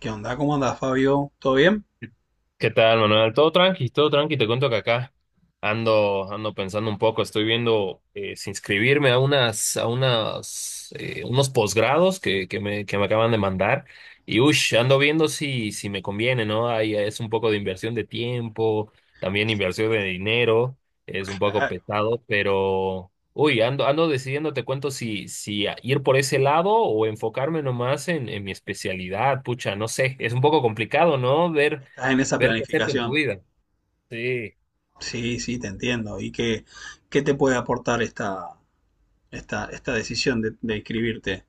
¿Qué onda? ¿Cómo andas, Fabio? ¿Todo bien? ¿Qué tal, Manuel? Todo tranqui, todo tranqui. Te cuento que acá ando pensando un poco. Estoy viendo si inscribirme a unos posgrados que me acaban de mandar. Y ush, ando viendo si me conviene, ¿no? Ahí es un poco de inversión de tiempo, también Sí, inversión de dinero. Es un poco claro. pesado, pero uy, ando decidiendo. Te cuento si, si a- ir por ese lado o enfocarme nomás en mi especialidad. Pucha, no sé. Es un poco complicado, ¿no? Ver ¿Estás en esa ver qué hacer con tu planificación? vida. Sí. Sí, sí, te entiendo. ¿Y qué te puede aportar esta decisión de inscribirte?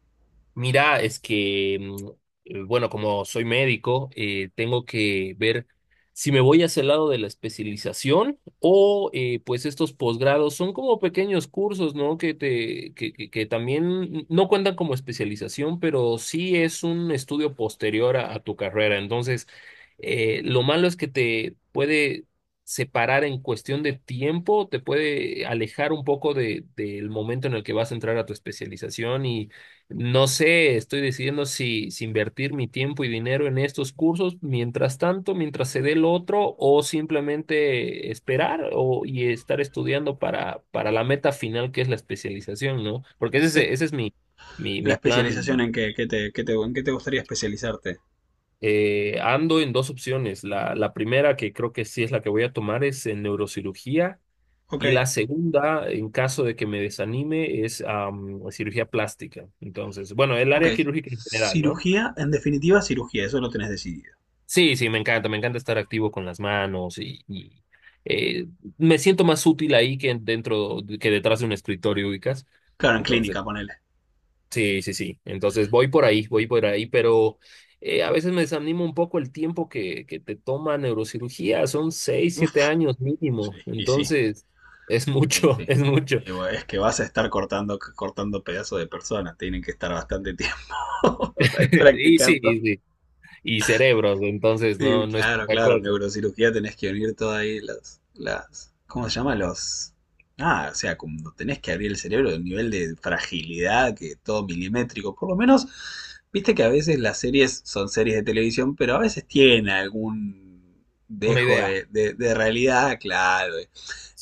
Mira, es que, bueno, como soy médico, tengo que ver si me voy hacia el lado de la especialización o pues estos posgrados son como pequeños cursos, ¿no? Que te, que también no cuentan como especialización, pero sí es un estudio posterior a tu carrera. Entonces, lo malo es que te puede separar en cuestión de tiempo, te puede alejar un poco de, del momento en el que vas a entrar a tu especialización y no sé, estoy decidiendo si invertir mi tiempo y dinero en estos cursos mientras tanto, mientras se dé el otro, o simplemente esperar o, y estar estudiando para la meta final que es la especialización, ¿no? Porque ese, es- ¿Qué- ese es mi, mi, la mi especialización plan. En qué te gustaría especializarte? Ando en dos opciones. La primera, que creo que sí es la que voy a tomar, es en neurocirugía. Ok, Y la segunda, en caso de que me desanime, es cirugía plástica. Entonces, bueno, el ok. área quirúrgica en general, ¿no? Cirugía, en definitiva, cirugía, eso lo tenés decidido. Sí, sí, me encanta estar activo con las manos y, eh, me siento más útil ahí que dentro, que detrás de un escritorio, ubicas. Claro, en Entonces, clínica, ponele. sí, sí, sí. Entonces voy por ahí, pero a veces me desanima un poco el tiempo que te toma neurocirugía. Son seis, siete Uf, años sí, mínimo. y sí, Entonces, es y mucho, sí. es mucho. Y bueno, es que vas a estar cortando, cortando pedazos de personas, tienen que estar bastante tiempo Y sí, practicando. y sí. Y cerebros, entonces Sí, no, no es claro, poca claro, cosa. neurocirugía tenés que unir todas ahí las, ¿cómo se llama? Ah, o sea, cuando tenés que abrir el cerebro, el nivel de fragilidad, que todo milimétrico, por lo menos, viste que a veces las series son series de televisión, pero a veces tiene algún Una dejo idea. de realidad, claro,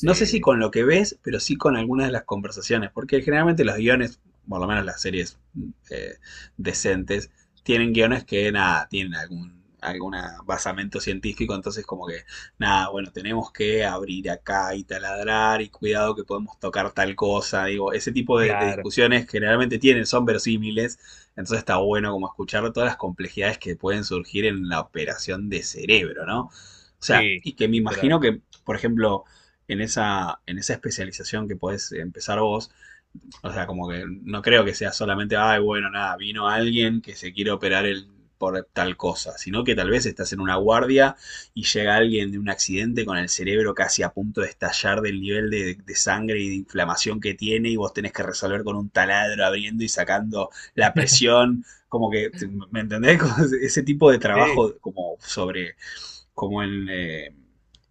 no sé si con lo que ves, pero sí con algunas de las conversaciones, porque generalmente los guiones, por lo menos las series decentes, tienen guiones que nada, tienen algún basamento científico, entonces como que, nada, bueno, tenemos que abrir acá y taladrar y cuidado que podemos tocar tal cosa, digo, ese tipo de claro. discusiones generalmente tienen, son verosímiles, entonces está bueno como escuchar todas las complejidades que pueden surgir en la operación de cerebro, ¿no? O sea, Sí, y que me literal. imagino que, por ejemplo, en esa especialización que podés empezar vos. O sea, como que no creo que sea solamente, ay, bueno, nada, vino alguien que se quiere operar el por tal cosa, sino que tal vez estás en una guardia y llega alguien de un accidente con el cerebro casi a punto de estallar del nivel de sangre y de inflamación que tiene y vos tenés que resolver con un taladro abriendo y sacando la presión, como que, ¿me entendés? Ese tipo de Sí. trabajo como sobre como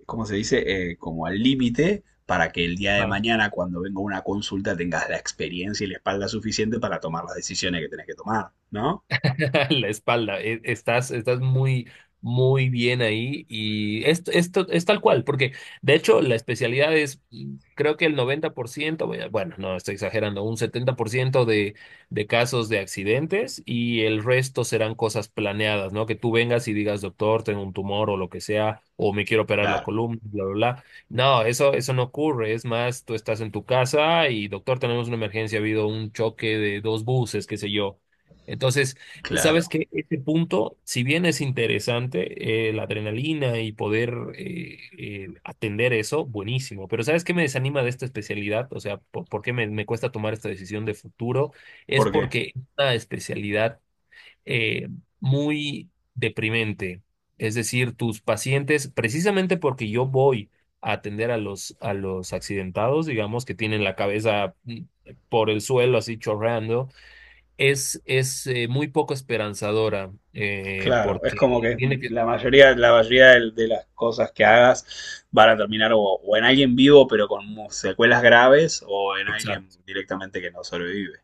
¿cómo se dice? Como al límite para que el día de mañana, cuando venga una consulta, tengas la experiencia y la espalda suficiente para tomar las decisiones que tenés que tomar, ¿no? La espalda. Estás, estás muy, muy bien ahí y esto es tal cual, porque de hecho la especialidad es, creo que el 90%, bueno, no estoy exagerando, un 70% de casos de accidentes y el resto serán cosas planeadas, ¿no? Que tú vengas y digas, doctor, tengo un tumor o lo que sea, o me quiero operar la Claro, columna, bla, bla, bla. No, eso no ocurre. Es más, tú estás en tu casa y, doctor, tenemos una emergencia, ha habido un choque de dos buses, qué sé yo. Entonces, sabes claro. que ese punto, si bien es interesante, la adrenalina y poder atender eso, buenísimo. Pero ¿sabes qué me desanima de esta especialidad? O sea, por qué me, me cuesta tomar esta decisión de futuro? Es ¿Por qué? porque es una especialidad eh, muy deprimente. Es decir, tus pacientes, precisamente porque yo voy a atender a los accidentados, digamos, que tienen la cabeza por el suelo así chorreando es muy poco esperanzadora Claro, es porque como que tiene que... la mayoría de las cosas que hagas van a terminar o en alguien vivo pero con secuelas graves o en alguien Exacto. directamente que no sobrevive.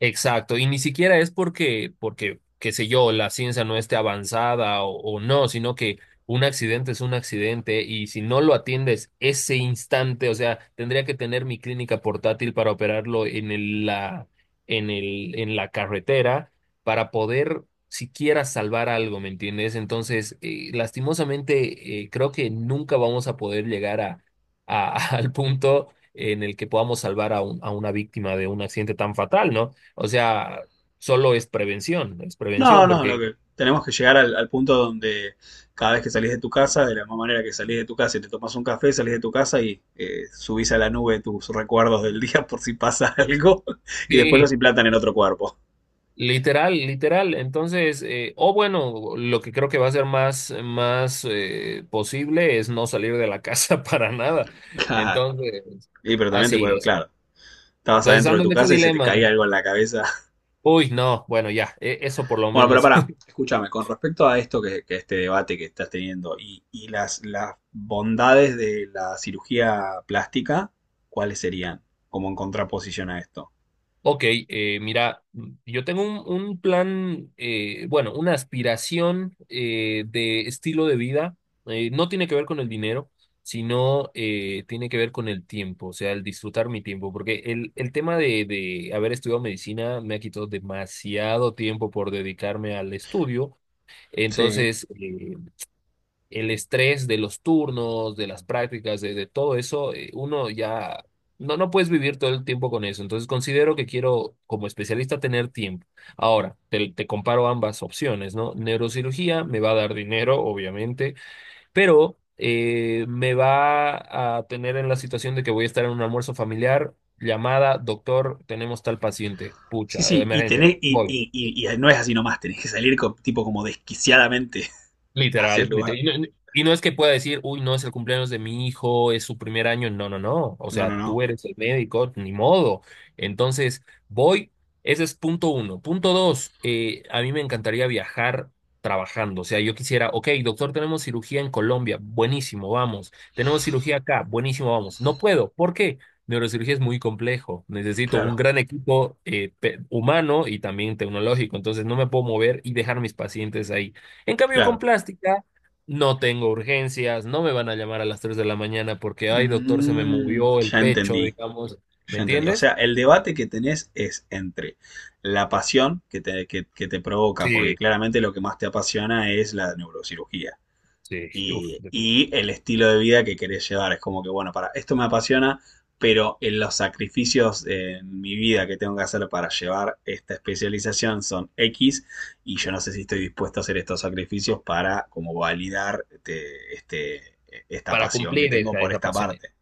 Exacto, y ni siquiera es porque, porque, qué sé yo, la ciencia no esté avanzada o no, sino que un accidente es un accidente y si no lo atiendes ese instante, o sea, tendría que tener mi clínica portátil para operarlo en el, la, en el, en la carretera para poder siquiera salvar algo, ¿me entiendes? Entonces, lastimosamente, creo que nunca vamos a poder llegar al punto en el que podamos salvar a una víctima de un accidente tan fatal, ¿no? O sea, solo es No, prevención, no, lo porque que tenemos que llegar al punto donde cada vez que salís de tu casa, de la misma manera que salís de tu casa y te tomás un café, salís de tu casa y subís a la nube tus recuerdos del día por si pasa algo y después los sí, implantan en otro cuerpo. literal, literal. Entonces, o bueno, lo que creo que va a ser más, más posible es no salir de la casa para nada. Claro. Entonces, Y pero también te así, puede, así. claro, estabas Entonces adentro de ando tu en este casa y se te caía dilema. algo en la cabeza. Uy, no, bueno, ya, eso por lo Bueno, pero menos. para, escúchame, con respecto a esto que este debate que estás teniendo y, y las bondades de la cirugía plástica, ¿cuáles serían como en contraposición a esto? Ok, mira, yo tengo un plan, bueno, una aspiración de estilo de vida. No tiene que ver con el dinero, sino tiene que ver con el tiempo, o sea, el disfrutar mi tiempo, porque el tema de haber estudiado medicina me ha quitado demasiado tiempo por dedicarme al estudio. Sí. Entonces, el estrés de los turnos, de las prácticas, de todo eso, uno ya no, no puedes vivir todo el tiempo con eso. Entonces considero que quiero como especialista tener tiempo. Ahora, te comparo ambas opciones, ¿no? Neurocirugía me va a dar dinero, obviamente, pero me va a tener en la situación de que voy a estar en un almuerzo familiar. Llamada, doctor, tenemos tal paciente. Sí, Pucha, sí, y, emergencia. tenés, Voy. Y no es así nomás, tenés que salir tipo como desquiciadamente hacia el Literal, literal. lugar. Y no, no, y no es que pueda decir, uy, no es el cumpleaños de mi hijo, es su primer año. No, no, no. O No, sea, no, no. tú eres el médico, ni modo. Entonces, voy. Ese es punto uno. Punto dos, a mí me encantaría viajar trabajando. O sea, yo quisiera, ok, doctor, tenemos cirugía en Colombia. Buenísimo, vamos. Tenemos cirugía acá. Buenísimo, vamos. No puedo. ¿Por qué? Neurocirugía es muy complejo. Necesito un Claro, gran equipo humano y también tecnológico. Entonces, no me puedo mover y dejar mis pacientes ahí. En cambio, con claro. plástica no tengo urgencias, no me van a llamar a las 3 de la mañana porque, ay, doctor, se me Mm, movió el ya pecho, entendí, digamos. ¿Me ya entendí. O entiendes? sea, el debate que tenés es entre la pasión que te provoca, porque Sí, claramente lo que más te apasiona es la neurocirugía. sí, uf, y, definitivamente. y el estilo de vida que querés llevar. Es como que, bueno, para esto me apasiona, pero en los sacrificios en mi vida que tengo que hacer para llevar esta especialización son X y yo no sé si estoy dispuesto a hacer estos sacrificios para como validar esta Para pasión que cumplir tengo esa, por esa esta pasión. parte.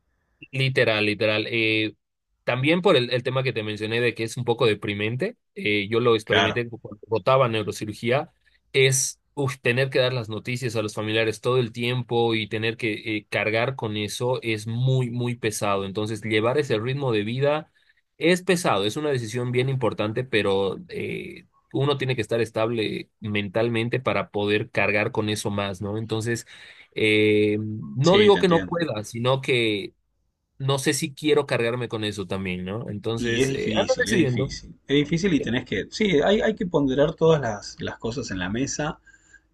Literal, literal. También por el tema que te mencioné de que es un poco deprimente, yo lo Claro, experimenté cuando votaba neurocirugía, es uf, tener que dar las noticias a los familiares todo el tiempo y tener que cargar con eso es muy, muy pesado. Entonces, llevar ese ritmo de vida es pesado, es una decisión bien importante, pero uno tiene que estar estable mentalmente para poder cargar con eso más, ¿no? Entonces, no sí, te digo que no entiendo. pueda, sino que no sé si quiero cargarme con eso también, ¿no? Y es Entonces, ando difícil, es decidiendo. difícil. Es difícil y tenés que, sí, hay que ponderar todas las cosas en la mesa.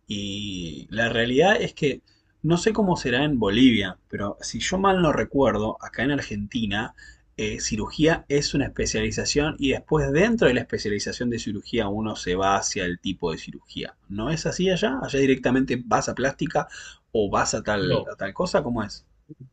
Y la realidad es que no sé cómo será en Bolivia, pero si yo mal no recuerdo, acá en Argentina, cirugía es una especialización y después dentro de la especialización de cirugía uno se va hacia el tipo de cirugía. ¿No es así allá? ¿Allá directamente vas a plástica o vas a tal, No. a tal cosa? ¿Cómo es?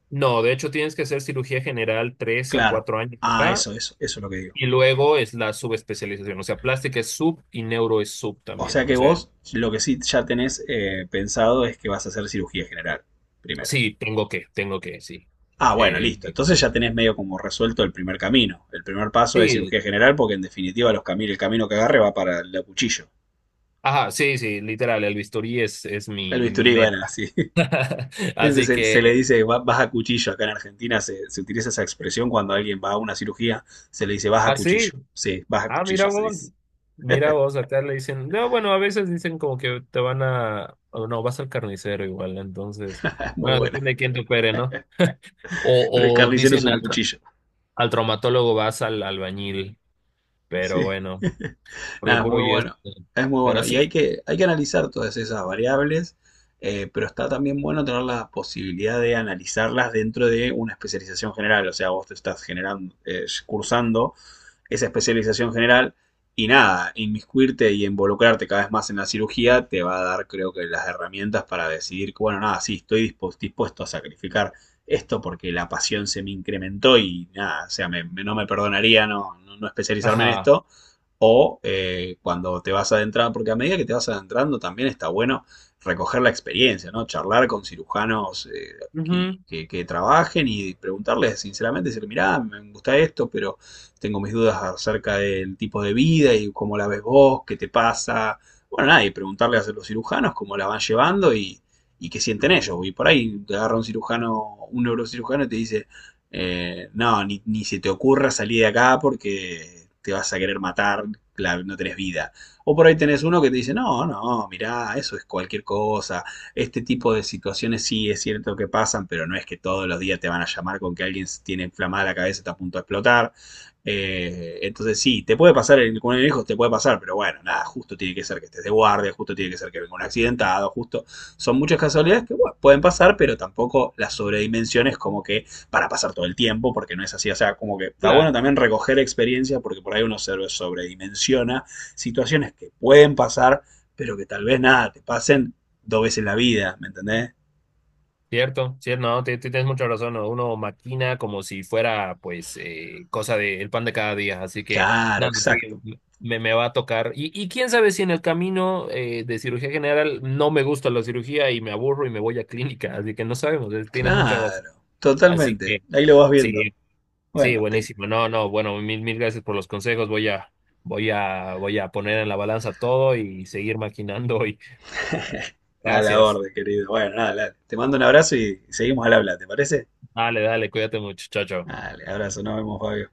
No, de hecho tienes que hacer cirugía general tres a Claro. cuatro años Ah, acá eso es lo que digo. y luego es la subespecialización. O sea, plástica es sub y neuro es sub O también. sea O que sea, vos lo que sí ya tenés pensado es que vas a hacer cirugía general primero. sí, tengo que, sí. Ah, bueno, Eh, listo. Entonces ya tenés medio como resuelto el primer camino. El primer paso es sí, cirugía general porque en definitiva el camino que agarre va para el cuchillo. ajá, sí, sí, literal, el bisturí es El mi bisturí, bueno, meta. así. Ese Así se le que, dice vas a cuchillo. Acá en Argentina se utiliza esa expresión cuando alguien va a una cirugía, se le dice vas a así. cuchillo. Sí, vas a Ah, cuchillo, se dice. mira vos, acá le dicen, no, bueno, a veces dicen como que te van a, o no, vas al carnicero igual, entonces, Es muy bueno, buena. depende de quién te opere, ¿no? Pero el O, carnicero es un cuchillo. al traumatólogo vas al albañil, pero Sí. bueno, porque Nada, es puro muy yeso, bueno. Es muy pero bueno. Y hay sí, que, hay que analizar todas esas variables, pero está también bueno tener la posibilidad de analizarlas dentro de una especialización general. O sea, vos te estás cursando esa especialización general y nada, inmiscuirte y involucrarte cada vez más en la cirugía te va a dar, creo que, las herramientas para decidir que, bueno, nada, sí, estoy dispuesto a sacrificar esto porque la pasión se me incrementó y nada, o sea, no me perdonaría no, no especializarme en ajá, esto o cuando te vas adentrando, porque a medida que te vas adentrando también está bueno recoger la experiencia, ¿no? Charlar con cirujanos ujú, que trabajen y preguntarles sinceramente, decir, mirá, me gusta esto, pero tengo mis dudas acerca del tipo de vida y cómo la ves vos, qué te pasa. Bueno, nada, y preguntarle a los cirujanos cómo la van llevando y qué sienten ellos. Y por ahí te agarra un cirujano, un neurocirujano y te dice, no, ni se te ocurra salir de acá porque te vas a querer matar, no tenés vida. O por ahí tenés uno que te dice, no, no, mirá, eso es cualquier cosa. Este tipo de situaciones sí es cierto que pasan, pero no es que todos los días te van a llamar con que alguien tiene inflamada la cabeza y está a punto de explotar. Entonces sí, te puede pasar con el viejo, te puede pasar, pero bueno, nada, justo tiene que ser que estés de guardia, justo tiene que ser que venga un accidentado, justo. Son muchas casualidades que bueno, pueden pasar, pero tampoco las sobredimensiones como que para pasar todo el tiempo, porque no es así. O sea, como que está bueno claro. también recoger experiencias, porque por ahí uno se sobredimensiona situaciones que pueden pasar, pero que tal vez nada, te pasen dos veces en la vida, ¿me entendés? Cierto, cierto, no, tienes mucha razón, ¿no? Uno maquina como si fuera, pues, cosa de el pan de cada día, así que, Claro, nada, sí, exacto. Me va a tocar. Y quién sabe si en el camino de cirugía general no me gusta la cirugía y me aburro y me voy a clínica, así que no sabemos, tienes mucha razón. Claro, Así totalmente. que, Ahí lo vas viendo. sí, sí, Bueno, buenísimo. No, no, bueno, mil, mil gracias por los consejos, voy a poner en la balanza todo y seguir maquinando hoy. a la Gracias. orden, querido. Bueno, nada, te mando un abrazo y seguimos al habla, ¿te parece? Dale, dale, cuídate mucho, chao, chao. Dale, abrazo, nos vemos, Fabio.